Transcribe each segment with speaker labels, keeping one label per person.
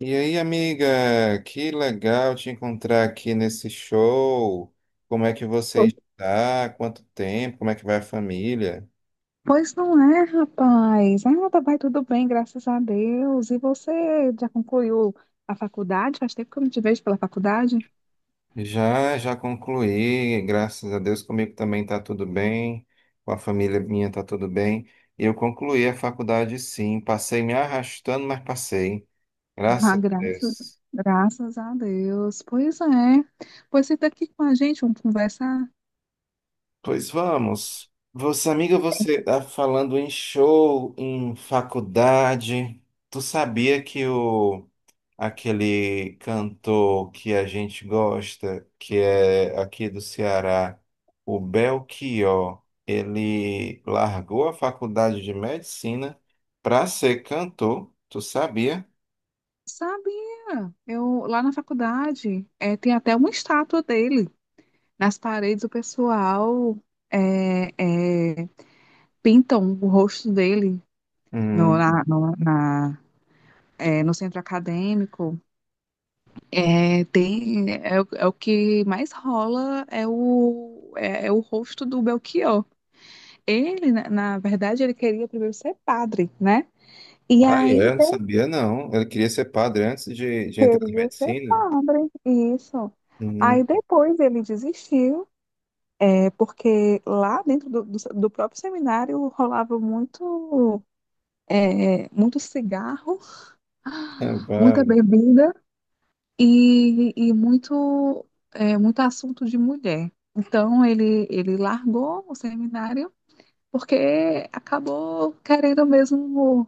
Speaker 1: E aí, amiga, que legal te encontrar aqui nesse show. Como é que você
Speaker 2: Po-
Speaker 1: está? Quanto tempo? Como é que vai a família?
Speaker 2: Pois não é, rapaz. Ah, vai tudo bem, graças a Deus. E você já concluiu a faculdade? Faz tempo que eu não te vejo pela faculdade.
Speaker 1: Já concluí, graças a Deus, comigo também está tudo bem, com a família minha está tudo bem. E eu concluí a faculdade, sim, passei me arrastando, mas passei,
Speaker 2: Ah,
Speaker 1: graças a
Speaker 2: graças,
Speaker 1: Deus.
Speaker 2: graças a Deus. Pois é. Pois você senta aqui com a gente, vamos conversar.
Speaker 1: Pois vamos. Você, amiga, você está falando em show, em faculdade. Tu sabia que o aquele cantor que a gente gosta, que é aqui do Ceará, o Belchior, ele largou a faculdade de medicina para ser cantor, tu sabia?
Speaker 2: Sabia? Eu lá na faculdade tem até uma estátua dele. Nas paredes o pessoal é, é, pintam o rosto dele no,
Speaker 1: Hum.
Speaker 2: na, no, na- no centro acadêmico. É, tem, é, é o é o que mais rola é o rosto do Belchior. Na verdade, ele queria primeiro ser padre, né? E
Speaker 1: Ah,
Speaker 2: aí
Speaker 1: é? Não
Speaker 2: ele
Speaker 1: sabia não. Ele queria ser padre antes de entrar na
Speaker 2: queria ser
Speaker 1: medicina?
Speaker 2: padre, isso.
Speaker 1: Hum,
Speaker 2: Aí depois ele desistiu, porque lá dentro do próprio seminário rolava muito, muito cigarro,
Speaker 1: é,
Speaker 2: muita
Speaker 1: vale.
Speaker 2: bebida, e muito assunto de mulher. Então ele largou o seminário porque acabou querendo mesmo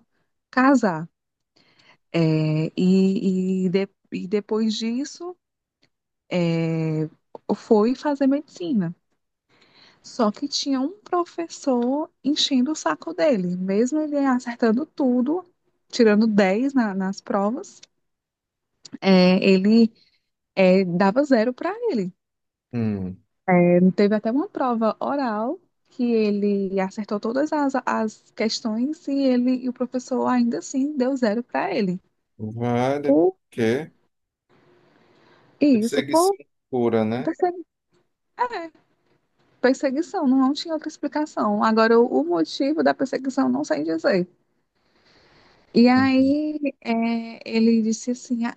Speaker 2: casar. E depois disso é, foi fazer medicina. Só que tinha um professor enchendo o saco dele, mesmo ele acertando tudo, tirando 10 nas provas, ele dava zero para ele.
Speaker 1: Hum,
Speaker 2: Teve até uma prova oral que ele acertou todas as questões e o professor ainda assim deu zero para ele.
Speaker 1: vale,
Speaker 2: Por,
Speaker 1: porque
Speaker 2: isso por
Speaker 1: perseguição pura, né?
Speaker 2: persegui- é, perseguição, não tinha outra explicação. Agora, o motivo da perseguição não sei dizer. E
Speaker 1: Uhum.
Speaker 2: aí, ele disse assim,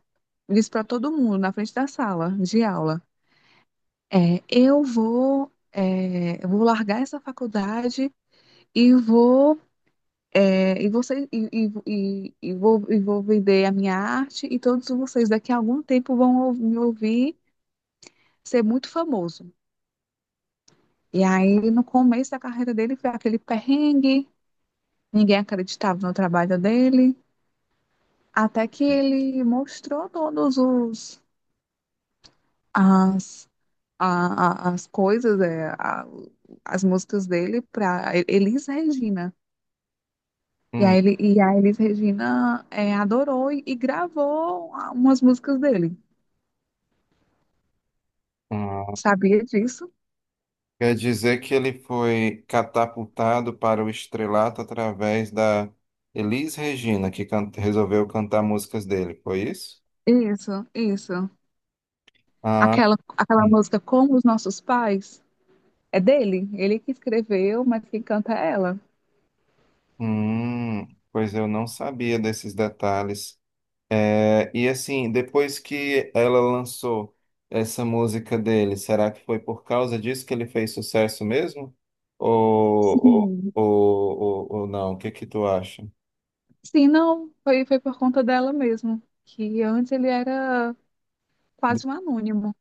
Speaker 2: disse para todo mundo na frente da sala de aula, eu vou largar essa faculdade e vou É, e, você, e, e vou vender a minha arte e todos vocês daqui a algum tempo vão me ouvir ser muito famoso. E aí, no começo da carreira dele, foi aquele perrengue, ninguém acreditava no trabalho dele, até que ele mostrou todos os as, a- as coisas, as músicas dele para Elis Regina. E a Elis Regina adorou e gravou umas músicas dele.
Speaker 1: Hum.
Speaker 2: Sabia disso?
Speaker 1: Quer dizer que ele foi catapultado para o estrelato através da Elis Regina, que resolveu cantar músicas dele, foi isso?
Speaker 2: Isso, isso.
Speaker 1: Ah,
Speaker 2: Aquela
Speaker 1: hum,
Speaker 2: música Como os Nossos Pais é dele. Ele que escreveu, mas quem canta é ela.
Speaker 1: pois eu não sabia desses detalhes. É, e assim, depois que ela lançou essa música dele, será que foi por causa disso que ele fez sucesso mesmo? Ou, ou,
Speaker 2: Sim.
Speaker 1: ou, ou, ou não? O que que tu acha?
Speaker 2: Sim, não, foi por conta dela mesmo. Que antes ele era quase um anônimo.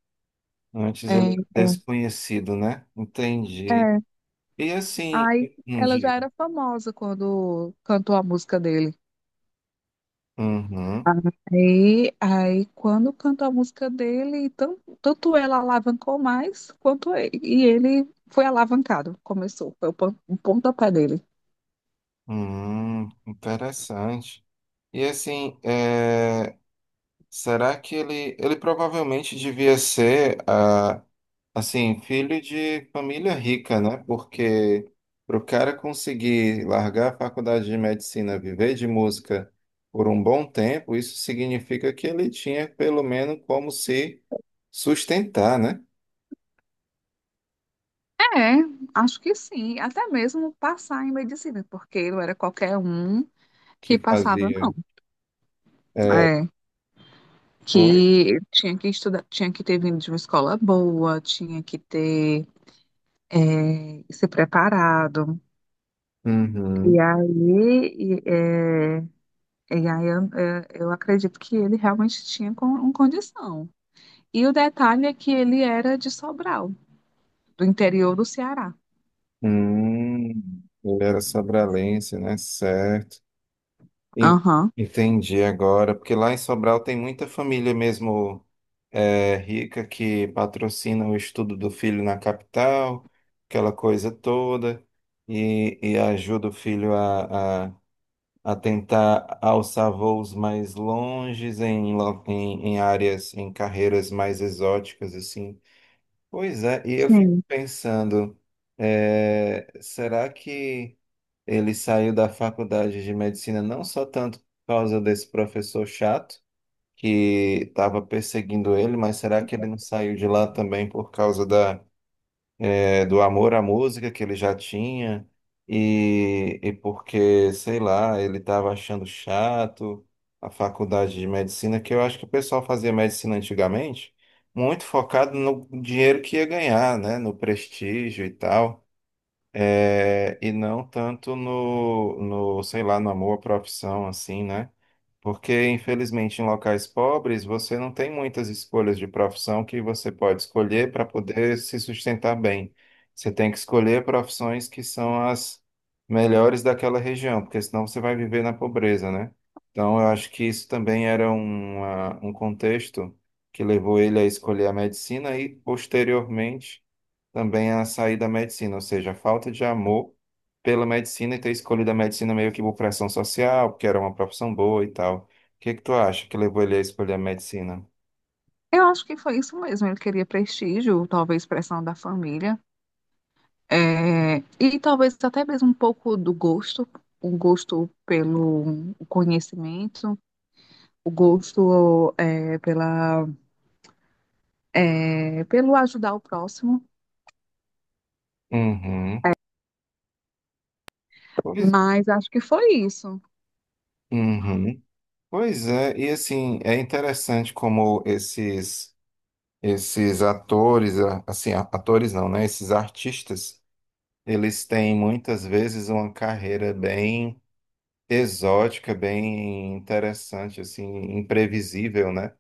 Speaker 1: Antes ele
Speaker 2: É,
Speaker 1: é
Speaker 2: é.
Speaker 1: desconhecido, né? Entendi.
Speaker 2: É.
Speaker 1: E assim,
Speaker 2: Aí
Speaker 1: não
Speaker 2: ela já
Speaker 1: digo.
Speaker 2: era famosa quando cantou a música dele.
Speaker 1: Uhum,
Speaker 2: Aí quando cantou a música dele, tanto ela alavancou mais, quanto ele, e ele foi alavancado, começou, foi o pontapé dele.
Speaker 1: uhum, interessante. E assim, é, será que ele provavelmente devia ser, ah, assim, filho de família rica, né? Porque para o cara conseguir largar a faculdade de medicina, viver de música por um bom tempo, isso significa que ele tinha pelo menos como se sustentar, né?
Speaker 2: É, acho que sim, até mesmo passar em medicina, porque não era qualquer um
Speaker 1: Que
Speaker 2: que passava, não.
Speaker 1: fazia. É,
Speaker 2: É,
Speaker 1: Oi?
Speaker 2: que tinha que estudar, tinha que ter vindo de uma escola boa, tinha que ter se preparado. E
Speaker 1: Uhum.
Speaker 2: aí, E aí eu acredito que ele realmente tinha um condição. E o detalhe é que ele era de Sobral, do interior do Ceará.
Speaker 1: Hum, ele era sobralense, né? Certo. En-
Speaker 2: Aham.
Speaker 1: Entendi agora, porque lá em Sobral tem muita família mesmo é, rica que patrocina o estudo do filho na capital, aquela coisa toda, e ajuda o filho a tentar alçar voos mais longes em, em, em áreas, em carreiras mais exóticas, assim. Pois é, e eu fico
Speaker 2: Sim.
Speaker 1: pensando, é, será que ele saiu da faculdade de medicina não só tanto por causa desse professor chato que estava perseguindo ele, mas será que ele não saiu de lá também por causa da, do amor à música que ele já tinha e porque, sei lá, ele estava achando chato a faculdade de medicina, que eu acho que o pessoal fazia medicina antigamente muito focado no dinheiro que ia ganhar, né, no prestígio e tal. É, e não tanto no, sei lá, no amor à profissão, assim, né? Porque, infelizmente, em locais pobres, você não tem muitas escolhas de profissão que você pode escolher para poder se sustentar bem. Você tem que escolher profissões que são as melhores daquela região, porque senão você vai viver na pobreza, né? Então, eu acho que isso também era um contexto que levou ele a escolher a medicina e, posteriormente, também a sair da medicina, ou seja, a falta de amor pela medicina e ter escolhido a medicina meio que por pressão social, porque era uma profissão boa e tal. O que é que tu acha que levou ele a escolher a medicina?
Speaker 2: Eu acho que foi isso mesmo. Ele queria prestígio, talvez pressão da família, e talvez até mesmo um pouco do gosto, o gosto pelo conhecimento, o gosto pelo ajudar o próximo.
Speaker 1: Uhum. Pois,
Speaker 2: Mas acho que foi isso.
Speaker 1: uhum. Pois é, e assim, é interessante como esses atores, assim, atores não, né? Esses artistas, eles têm muitas vezes uma carreira bem exótica, bem interessante, assim, imprevisível, né?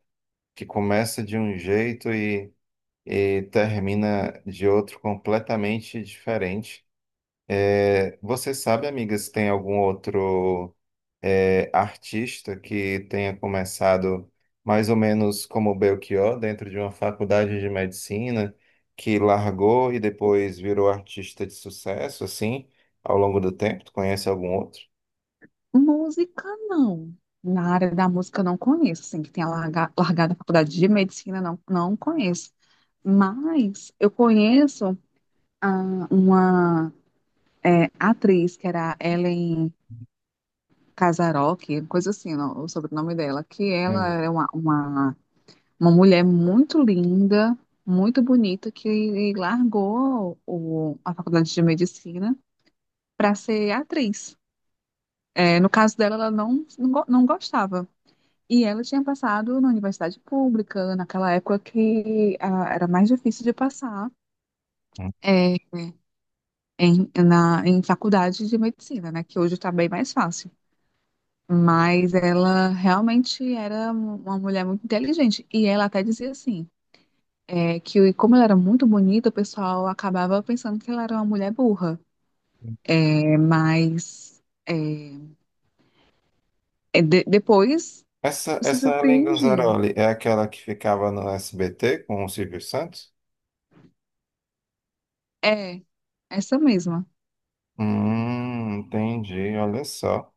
Speaker 1: que começa de um jeito e termina de outro completamente diferente. É, você sabe, amiga, se tem algum outro é, artista que tenha começado mais ou menos como Belchior, dentro de uma faculdade de medicina, que largou e depois virou artista de sucesso, assim, ao longo do tempo? Tu conhece algum outro?
Speaker 2: Música, não. Na área da música, eu não conheço. Assim, que tenha largado a faculdade de medicina, não, não conheço. Mas eu conheço uma atriz que era Ellen Casarocki, coisa assim, não, o sobrenome dela, que ela
Speaker 1: Hum.
Speaker 2: era uma mulher muito linda, muito bonita, que largou a faculdade de medicina para ser atriz. No caso dela, ela não gostava. E ela tinha passado na universidade pública, naquela época que era mais difícil de passar é, em faculdade de medicina, né? Que hoje está bem mais fácil. Mas ela realmente era uma mulher muito inteligente. E ela até dizia assim, que como ela era muito bonita, o pessoal acabava pensando que ela era uma mulher burra. Mas depois
Speaker 1: Essa,
Speaker 2: se
Speaker 1: essa
Speaker 2: surpreendiam.
Speaker 1: Lingonzaroli é aquela que ficava no SBT com o Silvio Santos?
Speaker 2: É, essa mesma.
Speaker 1: Entendi, olha só.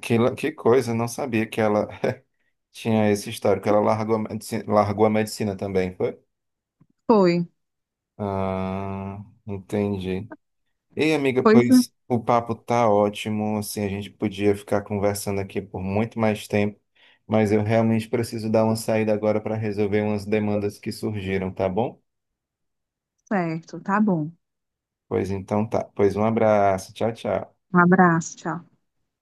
Speaker 1: Que, que coisa, não sabia que ela tinha esse histórico. Ela largou a medicina também, foi?
Speaker 2: Foi.
Speaker 1: Ah, entendi. Ei, amiga,
Speaker 2: Pois é.
Speaker 1: pois o papo tá ótimo, assim, a gente podia ficar conversando aqui por muito mais tempo, mas eu realmente preciso dar uma saída agora para resolver umas demandas que surgiram, tá bom?
Speaker 2: Certo, tá bom.
Speaker 1: Pois então tá. Pois um abraço. Tchau, tchau.
Speaker 2: Um abraço, tchau.